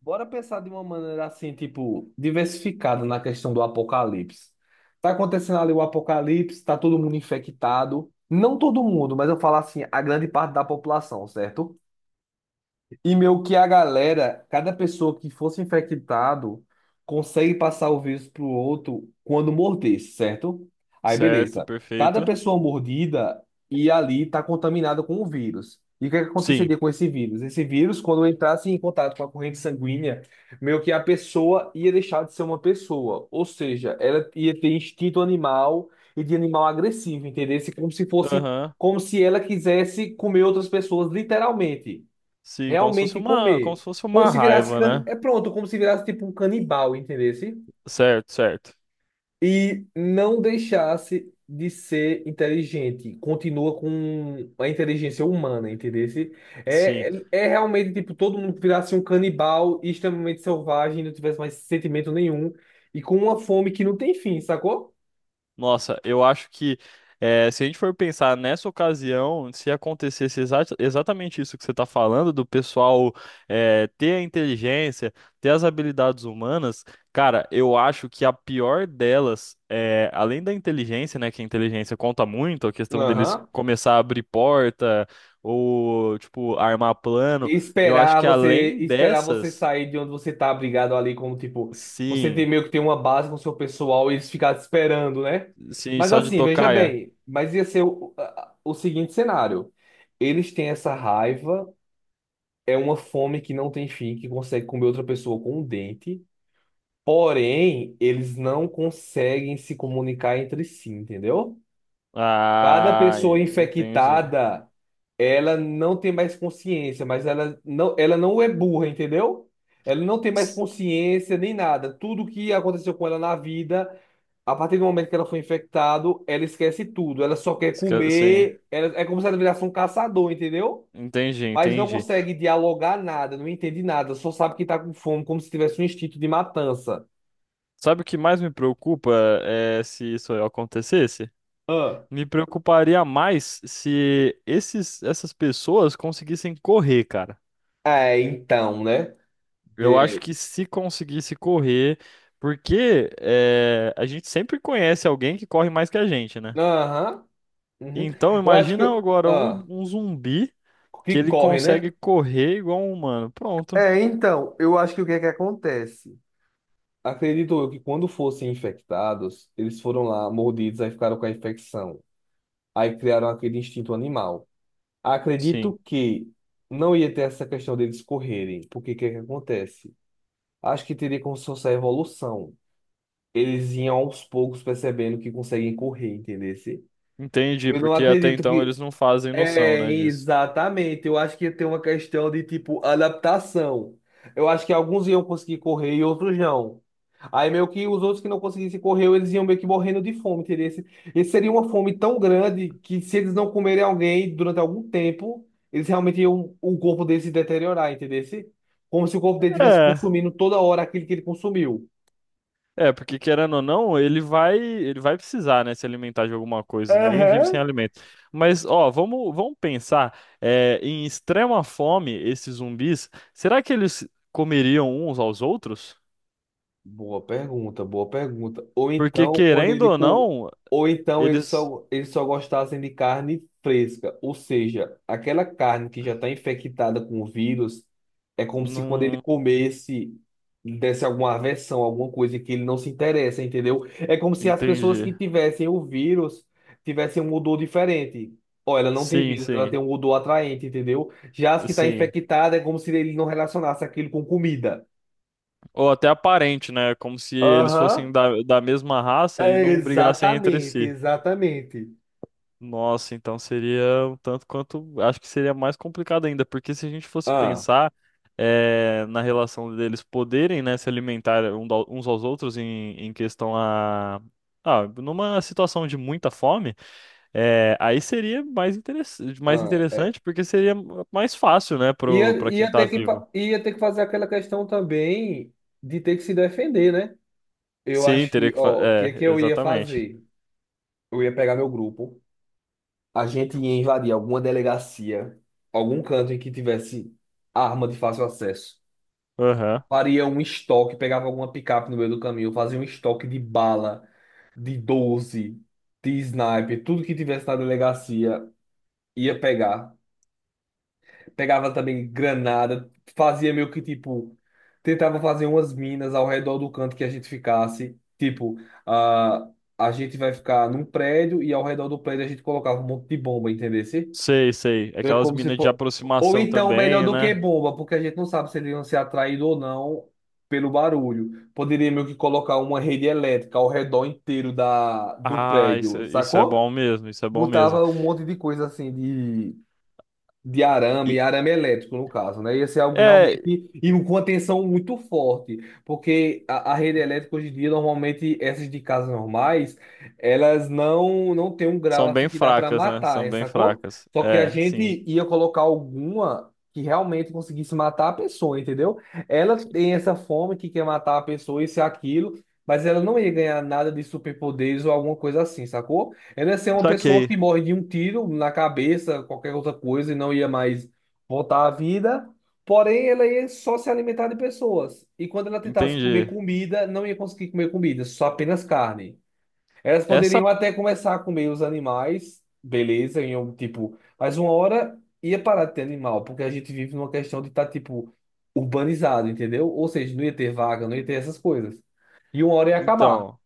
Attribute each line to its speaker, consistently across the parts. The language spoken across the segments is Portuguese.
Speaker 1: Bora pensar de uma maneira assim, tipo, diversificada na questão do apocalipse. Tá acontecendo ali o apocalipse, tá todo mundo infectado. Não todo mundo, mas eu falo assim, a grande parte da população, certo? E meu que a galera, cada pessoa que fosse infectado consegue passar o vírus pro outro quando morder, certo? Aí
Speaker 2: Certo,
Speaker 1: beleza. Cada
Speaker 2: perfeito.
Speaker 1: pessoa mordida e ali está contaminada com o vírus. E o que é que
Speaker 2: Sim.
Speaker 1: aconteceria com esse vírus? Esse vírus, quando entrasse em contato com a corrente sanguínea, meio que a pessoa ia deixar de ser uma pessoa. Ou seja, ela ia ter instinto animal e de animal agressivo, entendeu? Como se fosse,
Speaker 2: Aham.
Speaker 1: como se ela quisesse comer outras pessoas, literalmente
Speaker 2: Sim,
Speaker 1: realmente
Speaker 2: como
Speaker 1: comer.
Speaker 2: se fosse
Speaker 1: Como
Speaker 2: uma
Speaker 1: se virasse
Speaker 2: raiva,
Speaker 1: can...
Speaker 2: né?
Speaker 1: é pronto, como se virasse tipo um canibal, entendesse?
Speaker 2: Certo, certo.
Speaker 1: E não deixasse de ser inteligente, continua com a inteligência humana, entendesse?
Speaker 2: Sim.
Speaker 1: É, realmente tipo todo mundo virasse um canibal e extremamente selvagem, não tivesse mais sentimento nenhum e com uma fome que não tem fim, sacou?
Speaker 2: Nossa, eu acho que se a gente for pensar nessa ocasião, se acontecesse exatamente isso que você está falando, do pessoal ter a inteligência, ter as habilidades humanas, cara, eu acho que a pior delas, além da inteligência, né, que a inteligência conta muito, a questão deles
Speaker 1: Aham.
Speaker 2: começar a abrir porta ou, tipo, armar plano, eu acho
Speaker 1: Esperar
Speaker 2: que
Speaker 1: você,
Speaker 2: além
Speaker 1: esperar você
Speaker 2: dessas,
Speaker 1: sair de onde você tá abrigado ali, como tipo, você tem
Speaker 2: sim,
Speaker 1: meio que tem uma base com seu pessoal e eles ficarem te esperando, né?
Speaker 2: sim,
Speaker 1: Mas
Speaker 2: só de
Speaker 1: assim, veja
Speaker 2: tocaia.
Speaker 1: bem, mas ia ser o seguinte cenário. Eles têm essa raiva, é uma fome que não tem fim, que consegue comer outra pessoa com um dente, porém, eles não conseguem se comunicar entre si, entendeu? Cada
Speaker 2: Ah,
Speaker 1: pessoa
Speaker 2: entendi.
Speaker 1: infectada, ela não tem mais consciência, mas ela não é burra, entendeu? Ela não tem mais consciência nem nada. Tudo que aconteceu com ela na vida, a partir do momento que ela foi infectada, ela esquece tudo. Ela só quer
Speaker 2: Sim,
Speaker 1: comer. Ela, é como se ela virasse um caçador, entendeu?
Speaker 2: entendi,
Speaker 1: Mas não
Speaker 2: entendi.
Speaker 1: consegue dialogar nada, não entende nada, só sabe que tá com fome, como se tivesse um instinto de matança.
Speaker 2: Sabe o que mais me preocupa é se isso acontecesse?
Speaker 1: Ah.
Speaker 2: Me preocuparia mais se esses, essas pessoas conseguissem correr, cara.
Speaker 1: É, então, né?
Speaker 2: Eu acho
Speaker 1: De-
Speaker 2: que se conseguisse correr, porque é, a gente sempre conhece alguém que corre mais que a gente, né?
Speaker 1: Aham. Uhum.
Speaker 2: Então
Speaker 1: Eu acho que.
Speaker 2: imagina agora um,
Speaker 1: Ah.
Speaker 2: um zumbi que
Speaker 1: Que
Speaker 2: ele
Speaker 1: corre, né?
Speaker 2: consegue correr igual um humano. Pronto.
Speaker 1: É, então, eu acho que o que é que acontece? Acredito eu que quando fossem infectados, eles foram lá mordidos, aí ficaram com a infecção. Aí criaram aquele instinto animal.
Speaker 2: Sim,
Speaker 1: Acredito que não ia ter essa questão deles correrem, porque o que é que acontece? Acho que teria como se fosse a evolução. Eles iam aos poucos percebendo que conseguem correr, entendeu?
Speaker 2: entendi,
Speaker 1: Eu não
Speaker 2: porque até
Speaker 1: acredito
Speaker 2: então
Speaker 1: que
Speaker 2: eles não fazem noção,
Speaker 1: É,
Speaker 2: né, disso.
Speaker 1: exatamente. Eu acho que tem uma questão de, tipo, adaptação. Eu acho que alguns iam conseguir correr e outros não. Aí meio que os outros que não conseguissem correr, eles iam meio que morrendo de fome, entendeu? Esse seria uma fome tão grande que se eles não comerem alguém durante algum tempo, eles realmente iam o corpo deles se deteriorar, entendeu? Como se o corpo dele estivesse
Speaker 2: É.
Speaker 1: consumindo toda hora aquilo que ele consumiu.
Speaker 2: É, porque querendo ou não, ele vai precisar, né, se alimentar de alguma coisa. Ninguém vive sem
Speaker 1: Aham.
Speaker 2: alimento. Mas, ó, vamos pensar, em extrema fome, esses zumbis, será que eles comeriam uns aos outros?
Speaker 1: Boa pergunta, boa pergunta. Ou
Speaker 2: Porque
Speaker 1: então, quando
Speaker 2: querendo
Speaker 1: ele
Speaker 2: ou
Speaker 1: com...
Speaker 2: não,
Speaker 1: ou então eles
Speaker 2: eles
Speaker 1: só eles só gostassem de carne fresca, ou seja, aquela carne que já está infectada com o vírus, é como se quando ele
Speaker 2: não
Speaker 1: comesse lhe desse alguma aversão, alguma coisa que ele não se interessa, entendeu? É como se as pessoas que
Speaker 2: entendi.
Speaker 1: tivessem o vírus tivessem um odor diferente. Ó, ela não tem
Speaker 2: Sim,
Speaker 1: vírus, ela tem
Speaker 2: sim,
Speaker 1: um odor atraente, entendeu? Já as que está
Speaker 2: sim.
Speaker 1: infectada é como se ele não relacionasse aquilo com comida.
Speaker 2: Ou até aparente, né? Como se eles fossem
Speaker 1: Aham.
Speaker 2: da mesma raça e
Speaker 1: É,
Speaker 2: não brigassem entre
Speaker 1: exatamente,
Speaker 2: si.
Speaker 1: exatamente.
Speaker 2: Nossa, então seria um tanto quanto. Acho que seria mais complicado ainda, porque se a gente fosse
Speaker 1: Ah,
Speaker 2: pensar na relação deles poderem, né, se alimentar um uns aos outros em questão a. Ah, numa situação de muita fome, aí seria mais
Speaker 1: ah, é.
Speaker 2: interessante, porque seria mais fácil, né,
Speaker 1: Ia,
Speaker 2: pra quem
Speaker 1: ia
Speaker 2: tá
Speaker 1: ter que,
Speaker 2: vivo.
Speaker 1: fa- ia ter que fazer aquela questão também de ter que se defender, né? Eu
Speaker 2: Sim,
Speaker 1: acho que,
Speaker 2: teria que.
Speaker 1: ó, o que é que
Speaker 2: É,
Speaker 1: eu ia
Speaker 2: exatamente.
Speaker 1: fazer? Eu ia pegar meu grupo, a gente ia invadir alguma delegacia, algum canto em que tivesse arma de fácil acesso.
Speaker 2: Aham.
Speaker 1: Faria um estoque, pegava alguma picape no meio do caminho, fazia um estoque de bala, de doze, de sniper, tudo que tivesse na delegacia ia pegar. Pegava também granada, fazia meio que tipo, tentava fazer umas minas ao redor do canto que a gente ficasse. Tipo, a, a gente vai ficar num prédio e ao redor do prédio a gente colocava um monte de bomba, entendesse?
Speaker 2: Sei, sei.
Speaker 1: É
Speaker 2: Aquelas
Speaker 1: como se
Speaker 2: minas de
Speaker 1: for... Ou
Speaker 2: aproximação
Speaker 1: então, melhor
Speaker 2: também,
Speaker 1: do que
Speaker 2: né?
Speaker 1: bomba, porque a gente não sabe se eles iam ser atraídos ou não pelo barulho. Poderia meio que colocar uma rede elétrica ao redor inteiro do
Speaker 2: Ah, isso,
Speaker 1: prédio,
Speaker 2: isso é
Speaker 1: sacou?
Speaker 2: bom mesmo, isso é bom mesmo.
Speaker 1: Botava um monte de coisa assim de arame, e
Speaker 2: E-
Speaker 1: arame elétrico, no caso, né? Ia ser algo
Speaker 2: é,
Speaker 1: realmente e com uma tensão muito forte, porque a rede elétrica hoje em dia, normalmente, essas de casas normais, elas não tem um grau
Speaker 2: são bem
Speaker 1: assim que dá para
Speaker 2: fracas, né? São
Speaker 1: matar,
Speaker 2: bem
Speaker 1: sacou?
Speaker 2: fracas.
Speaker 1: Só que a
Speaker 2: É, sim.
Speaker 1: gente ia colocar alguma que realmente conseguisse matar a pessoa, entendeu? Ela tem essa fome que quer matar a pessoa, isso e aquilo, mas ela não ia ganhar nada de superpoderes ou alguma coisa assim, sacou? Ela ia ser uma pessoa
Speaker 2: Saquei.
Speaker 1: que morre de um tiro na cabeça, qualquer outra coisa, e não ia mais voltar à vida. Porém, ela ia só se alimentar de pessoas. E quando ela tentasse comer
Speaker 2: Entendi.
Speaker 1: comida, não ia conseguir comer comida, só apenas carne. Elas
Speaker 2: Essa,
Speaker 1: poderiam até começar a comer os animais, beleza, em um tipo. Mas uma hora ia parar de ter animal, porque a gente vive numa questão de estar, tipo, urbanizado, entendeu? Ou seja, não ia ter vaga, não ia ter essas coisas. E uma hora ia acabar.
Speaker 2: então,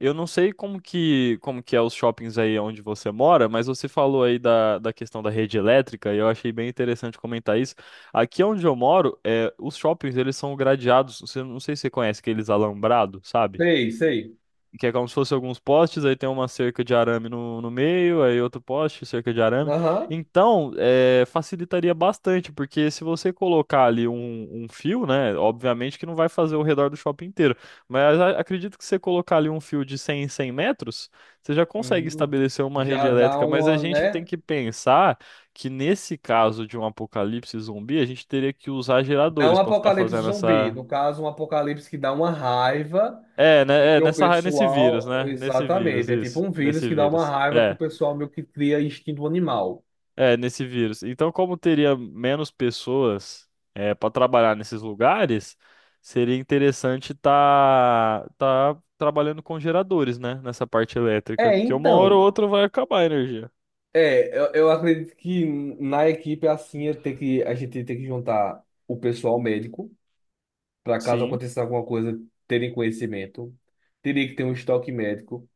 Speaker 2: eu não sei como que é os shoppings aí onde você mora, mas você falou aí da questão da rede elétrica e eu achei bem interessante comentar isso. Aqui onde eu moro, é, os shoppings, eles são gradeados, você não sei se você conhece aqueles alambrados, sabe?
Speaker 1: Sei, sei.
Speaker 2: Que é como se fosse alguns postes, aí tem uma cerca de arame no, no meio, aí outro poste, cerca de arame.
Speaker 1: Aham.
Speaker 2: Então, é, facilitaria bastante, porque se você colocar ali um, fio, né, obviamente que não vai fazer o redor do shopping inteiro, mas acredito que você colocar ali um fio de 100 em 100 metros, você já consegue
Speaker 1: Hum,
Speaker 2: estabelecer uma rede
Speaker 1: já dá
Speaker 2: elétrica, mas a
Speaker 1: uma,
Speaker 2: gente tem
Speaker 1: né?
Speaker 2: que pensar que nesse caso de um apocalipse zumbi, a gente teria que usar
Speaker 1: Dá um
Speaker 2: geradores para estar
Speaker 1: apocalipse
Speaker 2: fazendo
Speaker 1: zumbi.
Speaker 2: essa
Speaker 1: No caso, um apocalipse que dá uma raiva
Speaker 2: é,
Speaker 1: e
Speaker 2: né,
Speaker 1: que o
Speaker 2: nesse vírus,
Speaker 1: pessoal.
Speaker 2: né? Nesse vírus,
Speaker 1: Exatamente. É tipo
Speaker 2: isso.
Speaker 1: um vírus
Speaker 2: Nesse
Speaker 1: que dá uma
Speaker 2: vírus.
Speaker 1: raiva que o
Speaker 2: É,
Speaker 1: pessoal meio que cria instinto animal.
Speaker 2: é, nesse vírus. Então, como teria menos pessoas é, para trabalhar nesses lugares, seria interessante tá, trabalhando com geradores, né? Nessa parte elétrica,
Speaker 1: É,
Speaker 2: porque uma hora ou
Speaker 1: então.
Speaker 2: outra vai acabar a energia.
Speaker 1: Eu acredito que na equipe é assim é ter que, a gente tem que juntar o pessoal médico, para caso
Speaker 2: Sim,
Speaker 1: aconteça alguma coisa, terem conhecimento. Teria que ter um estoque médico.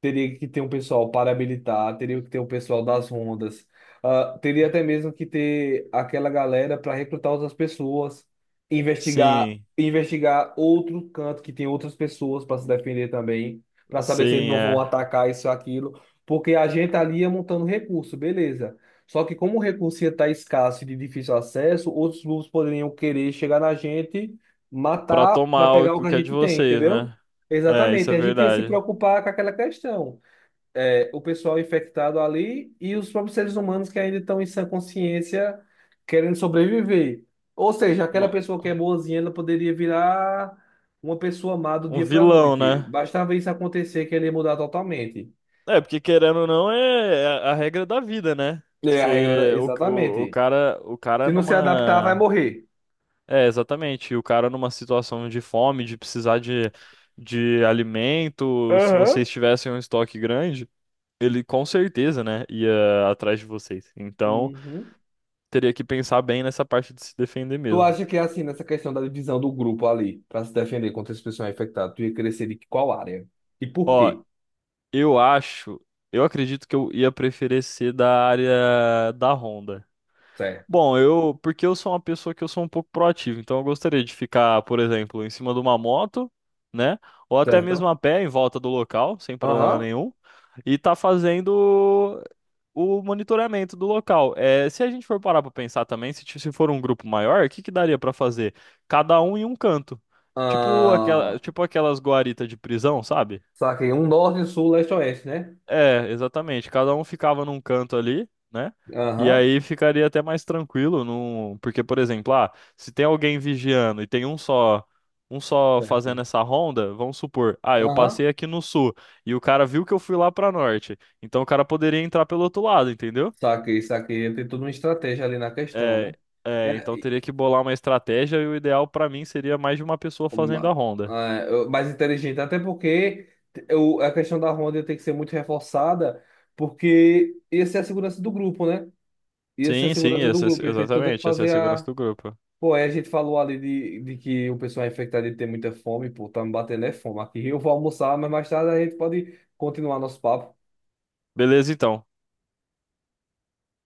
Speaker 1: Teria que ter um pessoal paramilitar, teria que ter um pessoal das rondas, teria até mesmo que ter aquela galera para recrutar outras pessoas, investigar,
Speaker 2: sim,
Speaker 1: investigar outro canto que tem outras pessoas para se defender também, para saber se eles
Speaker 2: sim,
Speaker 1: não vão
Speaker 2: é.
Speaker 1: atacar isso ou aquilo, porque a gente ali ia montando recurso, beleza. Só que como o recurso ia estar escasso e de difícil acesso, outros grupos poderiam querer chegar na gente,
Speaker 2: Para
Speaker 1: matar para
Speaker 2: tomar o
Speaker 1: pegar o
Speaker 2: que
Speaker 1: que
Speaker 2: o
Speaker 1: a
Speaker 2: que é de
Speaker 1: gente tem,
Speaker 2: vocês,
Speaker 1: entendeu?
Speaker 2: né? É, isso
Speaker 1: Exatamente,
Speaker 2: é
Speaker 1: a gente ia se
Speaker 2: verdade.
Speaker 1: preocupar com aquela questão. É, o pessoal infectado ali e os próprios seres humanos que ainda estão em sã consciência querendo sobreviver. Ou seja, aquela
Speaker 2: No-
Speaker 1: pessoa que é boazinha, ela poderia virar uma pessoa má do
Speaker 2: Um
Speaker 1: dia para a
Speaker 2: vilão,
Speaker 1: noite.
Speaker 2: né?
Speaker 1: Bastava isso acontecer que ele ia mudar totalmente.
Speaker 2: É, porque querendo ou não é a regra da vida, né?
Speaker 1: É a regra,
Speaker 2: Você, o
Speaker 1: exatamente.
Speaker 2: cara,
Speaker 1: Se não se adaptar, vai morrer.
Speaker 2: é, exatamente, o cara numa situação de fome, de precisar de alimento, se
Speaker 1: Aham.
Speaker 2: vocês tivessem um estoque grande, ele com certeza, né, ia atrás de vocês. Então,
Speaker 1: Uhum.
Speaker 2: teria que pensar bem nessa parte de se defender
Speaker 1: Tu
Speaker 2: mesmo.
Speaker 1: acha que é assim, nessa questão da divisão do grupo ali, para se defender contra esse pessoal infectado, tu ia crescer de qual área? E por
Speaker 2: Ó,
Speaker 1: quê?
Speaker 2: eu acho, eu acredito que eu ia preferir ser da área da Honda.
Speaker 1: Certo.
Speaker 2: Bom, eu, porque eu sou uma pessoa que eu sou um pouco proativo, então eu gostaria de ficar, por exemplo, em cima de uma moto, né? Ou até mesmo
Speaker 1: Certo.
Speaker 2: a pé em volta do local, sem problema
Speaker 1: Aham.
Speaker 2: nenhum, e tá fazendo o monitoramento do local. É, se a gente for parar para pensar também, se for um grupo maior, o que que daria para fazer? Cada um em um canto. Tipo aquela,
Speaker 1: Ah,
Speaker 2: tipo aquelas guaritas de prisão, sabe?
Speaker 1: saquei. Um norte, sul, leste, oeste, né?
Speaker 2: É, exatamente. Cada um ficava num canto ali, né? E
Speaker 1: Aham.
Speaker 2: aí ficaria até mais tranquilo, num porque, por exemplo, ah, se tem alguém vigiando e tem um só, fazendo
Speaker 1: Certo.
Speaker 2: essa ronda, vamos supor, ah, eu
Speaker 1: Aham.
Speaker 2: passei aqui no sul e o cara viu que eu fui lá pra norte, então o cara poderia entrar pelo outro lado, entendeu?
Speaker 1: Saquei, saquei. Tem toda uma estratégia ali na questão,
Speaker 2: É,
Speaker 1: né? E
Speaker 2: é,
Speaker 1: a-
Speaker 2: então
Speaker 1: e
Speaker 2: teria que bolar uma estratégia e o ideal pra mim seria mais de uma pessoa fazendo a
Speaker 1: uma-
Speaker 2: ronda.
Speaker 1: Mais inteligente. Até porque a questão da ronda tem que ser muito reforçada, porque ia ser a segurança do grupo, né? Ia ser a
Speaker 2: Sim, sim,
Speaker 1: segurança do
Speaker 2: essa,
Speaker 1: grupo. Ia ter toda que
Speaker 2: exatamente, essa é a
Speaker 1: fazer
Speaker 2: segurança
Speaker 1: a.
Speaker 2: do grupo.
Speaker 1: Pô, aí a gente falou ali de que o pessoal é infectado de ter muita fome, pô, tá me batendo é fome aqui. Eu vou almoçar, mas mais tarde a gente pode continuar nosso papo.
Speaker 2: Beleza, então.